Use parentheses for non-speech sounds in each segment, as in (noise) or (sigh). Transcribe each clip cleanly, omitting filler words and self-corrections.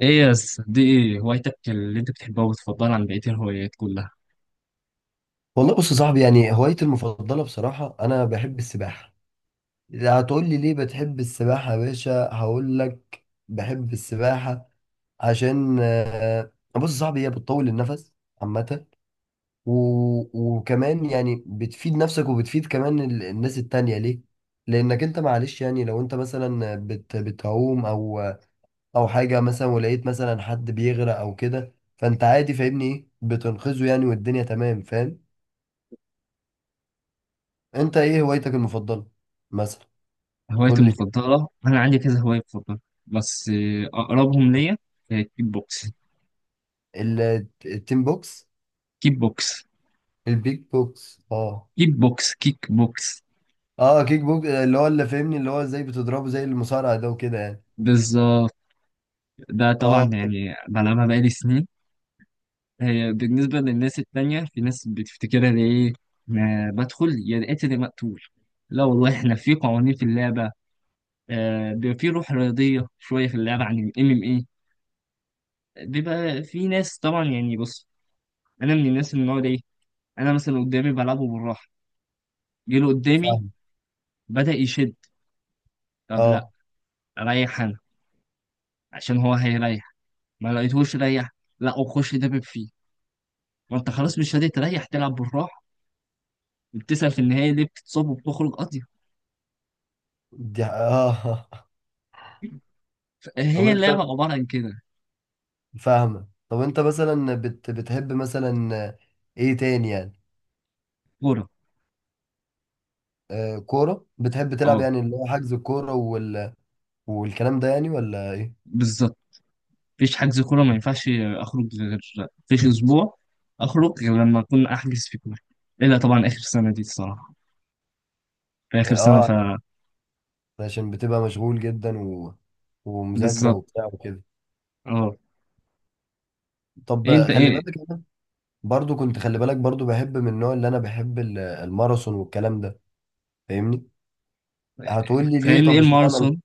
ايه يا دي ايه هوايتك اللي انت بتحبها وبتفضلها عن بقية الهوايات كلها؟ والله بص يا صاحبي هوايتي المفضلة بصراحة أنا بحب السباحة. إذا هتقول لي ليه بتحب السباحة يا باشا هقول لك بحب السباحة عشان بص يا صاحبي هي بتطول النفس عامة. وكمان يعني بتفيد نفسك وبتفيد كمان الناس التانية ليه؟ لأنك أنت معلش يعني لو أنت مثلا بتعوم أو أو حاجة مثلا، ولقيت مثلا حد بيغرق أو كده فأنت عادي، فاهمني إيه؟ بتنقذه يعني والدنيا تمام، فاهم؟ انت ايه هوايتك المفضله مثلا؟ هوايتي قول لي كده. المفضلة انا عندي كذا هواية بفضلها، بس اقربهم ليا كيك بوكس. التين بوكس. كيك بوكس البيك بوكس، اه. كيك بوكس اه، كيك بوكس اللي هو اللي فاهمني اللي هو ازاي بتضربه زي المصارعه ده وكده يعني. بالظبط. ده اه طبعا طب. يعني بلعبها بقالي سنين. هي بالنسبة للناس التانية في ناس بتفتكرها ده ايه، ما بدخل يا القاتل يا مقتول. لا والله احنا في قوانين في اللعبة، بيبقى في روح رياضية شوية في اللعبة عن الام ام ايه. بيبقى في ناس طبعا يعني بص، انا من الناس اللي هو ايه، انا مثلا قدامي بلعبه بالراحه، جه له قدامي فاهم. بدأ يشد، طب لا اه. ريح انا عشان هو هيريح. ما لقيتهوش ريح، لا وخش دبب فيه. ما انت خلاص مش راضي تريح تلعب بالراحه وبتسأل في النهايه ليه بتتصاب وبتخرج قضية؟ دي اه (laughs) طب هي انت اللعبه عباره عن كده. فاهمه؟ طب انت مثلا بتحب مثلا ايه تاني يعني؟ كوره، آه كوره بتحب تلعب اه يعني اللي هو حجز الكوره والكلام ده يعني، ولا ايه؟ بالظبط. مفيش حجز كوره ما ينفعش، اخرج غير، مفيش اسبوع اخرج غير لما اكون احجز في كوره. الا طبعا اخر سنه دي الصراحه، في اخر سنه ف اه عشان بتبقى مشغول جدا ومذاكره بالظبط. وبتاع وكده. اه، إيه طب انت خلي بالك ايه؟ انا برضو كنت، خلي بالك برضو بحب من النوع اللي انا بحب الماراثون والكلام ده، فاهمني؟ هتقول لي ليه؟ فاهمني ايه طب اشمعنى الماراثون؟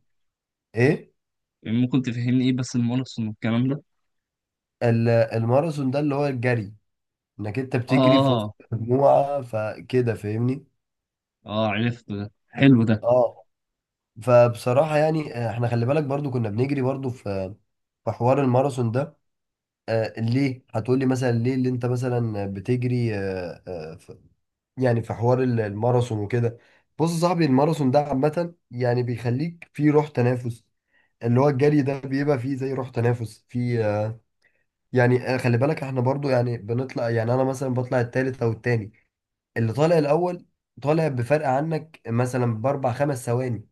ايه يعني ممكن تفهمني ايه بس المونوسون والكلام ده؟ الماراثون ده اللي هو الجري، انك انت بتجري في اه، وسط مجموعه فكده، فاهمني؟ اه عرفته ده، حلو ده. اه فبصراحه يعني احنا خلي بالك برضو كنا بنجري برضو في حوار الماراثون ده. ليه هتقول لي مثلا ليه اللي انت مثلا بتجري؟ يعني في حوار الماراثون وكده. بص يا صاحبي الماراثون ده عامة يعني بيخليك في روح تنافس، اللي هو الجري ده بيبقى فيه زي روح تنافس في يعني خلي بالك احنا برضو يعني بنطلع. يعني انا مثلا بطلع التالت او التاني، اللي طالع الاول طالع بفرق عنك مثلا باربع خمس ثواني،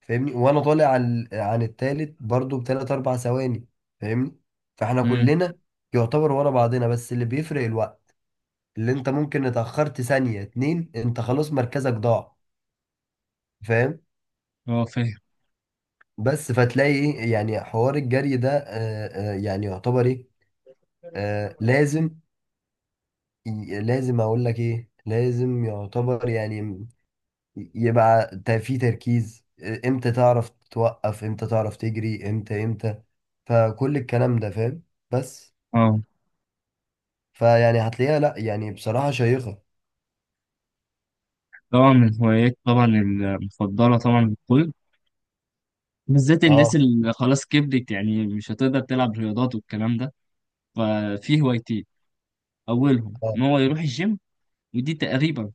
فاهمني؟ وانا طالع عن التالت برضو بتلات اربع ثواني، فاهمني؟ فاحنا امم، كلنا يعتبر ورا بعضنا، بس اللي بيفرق الوقت، اللي انت ممكن اتأخرت ثانية اتنين انت خلاص مركزك ضاع، فاهم؟ اه فاهم. بس فتلاقي ايه، يعني حوار الجري ده يعني يعتبر ايه، لازم. لازم اقول لك ايه، لازم يعتبر يعني يبقى في تركيز، امتى تعرف توقف، امتى تعرف تجري، امتى امتى، فكل الكلام ده، فاهم؟ بس اه فيعني هتلاقيها لا يعني بصراحة شيقة. طبعا من هوايات طبعا المفضلة طبعا للكل، بالذات الناس اه. اللي خلاص كبرت يعني مش هتقدر تلعب رياضات والكلام ده. ففي هوايتين، أولهم اه إن هو يروح الجيم، ودي تقريبا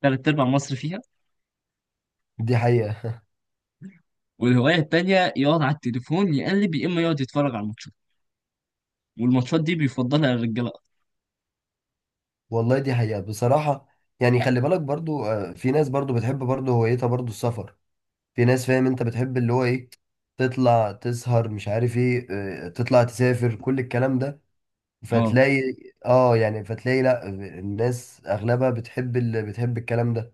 تلات أرباع مصر فيها. دي حقيقة. والهواية التانية يقعد على التليفون يقلب، يا إما يقعد يتفرج على الماتشات، والماتشات دي بيفضلها الرجالة أكتر. والله دي حقيقة بصراحة. يعني خلي بالك برضو في ناس برضو بتحب برضو هوايتها برضو السفر. في ناس فاهم انت بتحب اللي هو ايه؟ تطلع تسهر مش عارف ايه، اه، تطلع تسافر كل الكلام ده، اه، فتلاقي اه، يعني فتلاقي لا الناس اغلبها بتحب اللي بتحب الكلام ده،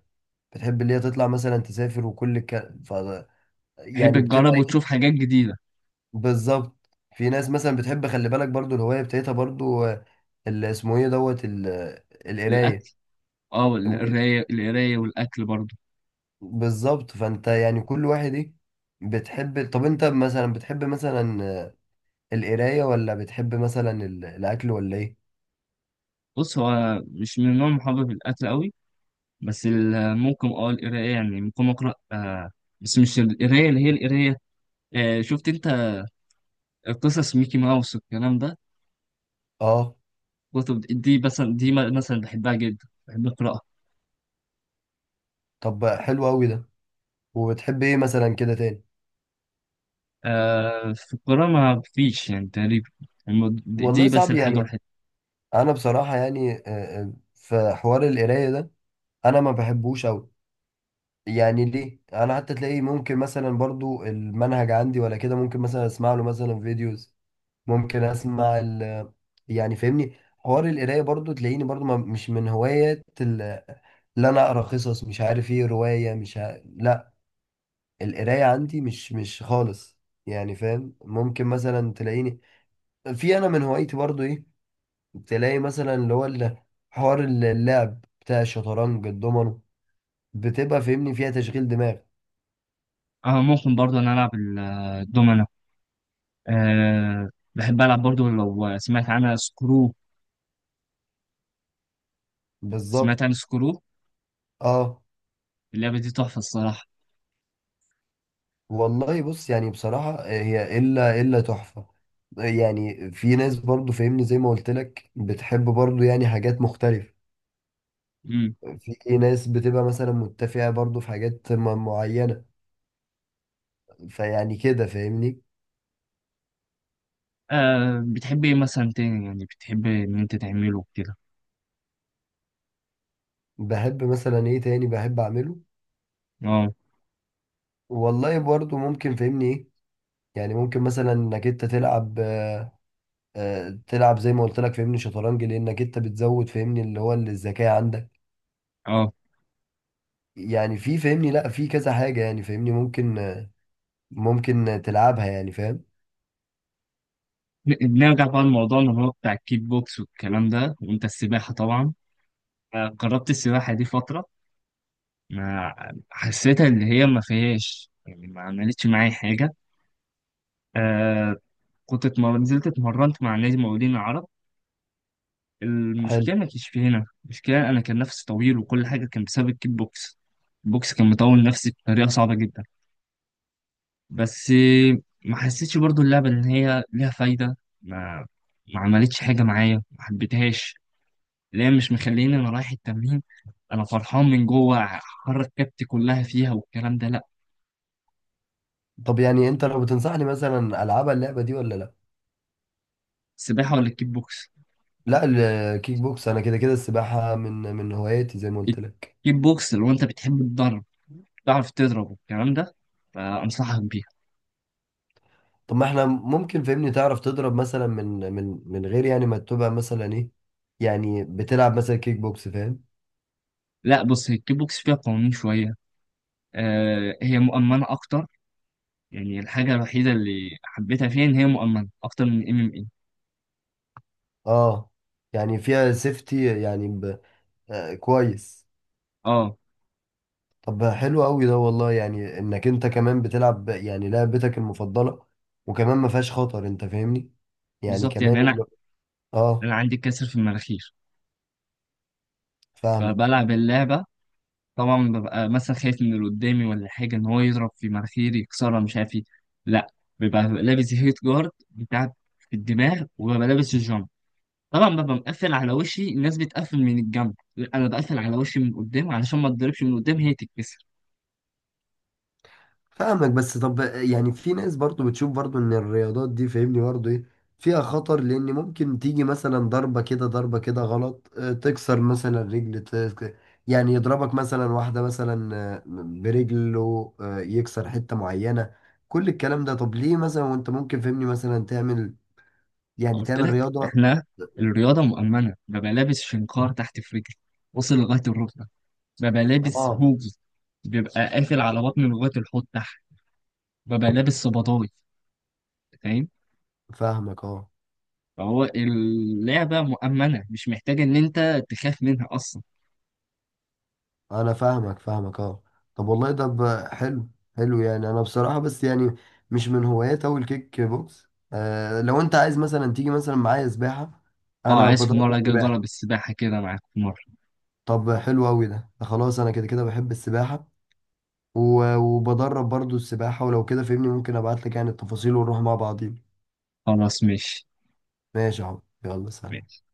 بتحب اللي هي تطلع مثلا تسافر وكل الكلام. ف تحب يعني تجرب بتبقى ايه؟ وتشوف حاجات جديدة. بالظبط. في ناس مثلا بتحب خلي بالك برضو الهواية بتاعتها برضو اللي اسمه ايه دوت القراية الأكل، اه وال- القراية والأكل برضه. بالظبط. فانت يعني كل واحد ايه بتحب. طب انت مثلا بتحب مثلا القراية ولا بتحب مثلا الأكل ولا إيه؟ بص هو مش من النوع المحبب في الأكل أوي، بس ممكن اه القراية، يعني ممكن أقرأ آه، بس مش القراية اللي هي القراية. آه شفت أنت قصص ميكي ماوس والكلام ده، آه كتب دي مثلا، دي مثلا بحبها جدا، بحب أقرأها. طب حلو أوي ده. وبتحب إيه مثلا كده تاني؟ آه في القراءة ما فيش يعني تقريبا، دي والله بس صعب الحاجة يعني. الوحيدة. أنا بصراحة يعني في حوار القراية ده أنا ما بحبوش أوي. يعني ليه؟ أنا حتى تلاقي ممكن مثلا برضو المنهج عندي ولا كده ممكن مثلا أسمع له مثلا فيديوز، ممكن أسمع ال يعني فاهمني. حوار القراية برضو تلاقيني برضو ما مش من هوايات اللي أنا أقرأ قصص مش عارف إيه رواية مش ع... لا، القراية عندي مش خالص، يعني فاهم؟ ممكن مثلا تلاقيني في انا من هوايتي برضو ايه، تلاقي مثلا اللي هو حوار اللعب بتاع الشطرنج الضمنه، بتبقى فاهمني فيها تشغيل دماغ. اه ممكن برضه أنا ألعب الدومنة. آه بحب ألعب برضه، لو سمعت عنها سكرو، بالظبط. سمعت عن سكرو؟ اه اللعبة دي تحفة الصراحة. والله بص يعني بصراحة هي الا تحفة. يعني في ناس برضو فاهمني زي ما قلت لك بتحب برضو يعني حاجات مختلفة. امم، في ناس بتبقى مثلا متفقة برضو في حاجات معينة، فيعني كده فاهمني. آه بتحب ايه مثلا تاني يعني بتحب ان انت تعمله كده؟ بحب مثلا ايه تاني بحب اعمله؟ اه، والله برضو ممكن فهمني ايه. يعني ممكن مثلا انك انت تلعب تلعب زي ما قلت لك فهمني شطرنج، لانك انت بتزود فهمني اللي هو الذكاء عندك. اه يعني في فهمني لا في كذا حاجة يعني فهمني ممكن ممكن تلعبها، يعني فاهم؟ نرجع بقى لموضوعنا اللي هو بتاع الكيك بوكس والكلام ده، وانت السباحة طبعا. آه جربت السباحة دي فترة، ما حسيتها اللي هي ما فيهاش، يعني ما عملتش معايا حاجة. آه كنت نزلت اتمرنت مع نادي مقاولين العرب. حلو. المشكلة ما كانش في هنا، المشكلة أنا كان نفسي طويل وكل حاجة كان بسبب الكيك بوكس. البوكس كان مطول نفسي بطريقة صعبة جدا، بس ما حسيتش برضو اللعبة إن هي ليها فايدة. ما ما عملتش حاجة معايا، ما حبيتهاش. لا مش مخليني أنا رايح التمرين أنا فرحان من جوه، حرك كبتي كلها فيها والكلام ده، لأ. طب يعني انت لو بتنصحني مثلا العبها اللعبة دي ولا لا؟ السباحة ولا الكيك بوكس؟ لا الكيك بوكس انا كده كده السباحة من هواياتي زي ما قلت لك. الكيك بوكس لو أنت بتحب الضرب، تعرف تضرب والكلام ده، فأنصحك بيها. طب ما احنا ممكن فهمني تعرف تضرب مثلا من غير يعني ما تبقى مثلا ايه، يعني بتلعب مثلا كيك بوكس، فاهم؟ لأ بص هي الكيك بوكس فيها قوانين شوية، آه هي مؤمنة أكتر. يعني الحاجة الوحيدة اللي حبيتها فيها إن هي مؤمنة أكتر من ام ام اي. اه يعني فيها سيفتي يعني آه كويس. اه طب حلو قوي ده والله، يعني انك انت كمان بتلعب يعني لعبتك المفضلة وكمان ما فيهاش خطر انت فاهمني، يعني بالظبط، كمان يعني اللي... اه انا عندي كسر في المناخير، فاهمك فبلعب اللعبه طبعا ببقى مثلا خايف من اللي قدامي ولا حاجه ان هو يضرب في مناخيري يكسرها مش عارف ايه. لا، بيبقى لابس هيت جارد بتاع في الدماغ، وببقى لابس الجامب. طبعا ببقى مقفل على وشي، الناس بتقفل من الجنب، انا بقفل على وشي من قدام علشان ما اتضربش من قدام هي تتكسر. فاهمك. بس طب يعني في ناس برضو بتشوف برضو ان الرياضات دي فاهمني برضو ايه، فيها خطر لان ممكن تيجي مثلا ضربة كده ضربة كده غلط، تكسر مثلا رجل يعني يضربك مثلا واحدة مثلا برجله، يكسر حتة معينة، كل الكلام ده. طب ليه مثلا وانت ممكن فاهمني مثلا تعمل يعني قلت تعمل لك رياضة؟ احنا الرياضه مؤمنه، ببقى لابس شنكار تحت في رجلي وصل لغايه الركبه، ببقى لابس اه هوجي بيبقى قافل على بطني لغايه الحوض تحت، ببقى لابس صباطاي، فاهم؟ فاهمك اه. فهو اللعبة مؤمنة مش محتاج إن أنت تخاف منها أصلا. انا فاهمك اه. طب والله ده حلو. حلو يعني انا بصراحة، بس يعني مش من هوايات اوي الكيك بوكس. آه لو انت عايز مثلا تيجي مثلا معايا سباحة، أه انا عايز في بدرب مرة أجي السباحة. أجرب السباحة كده معاك في مرة. طب حلو اوي ده. ده خلاص انا كده كده بحب السباحة وبدرب برضو السباحة، ولو كده فهمني ممكن ابعت لك يعني التفاصيل ونروح مع بعضين. خلاص ماشي. ماشي يا عم، يلا سلام. ماشي.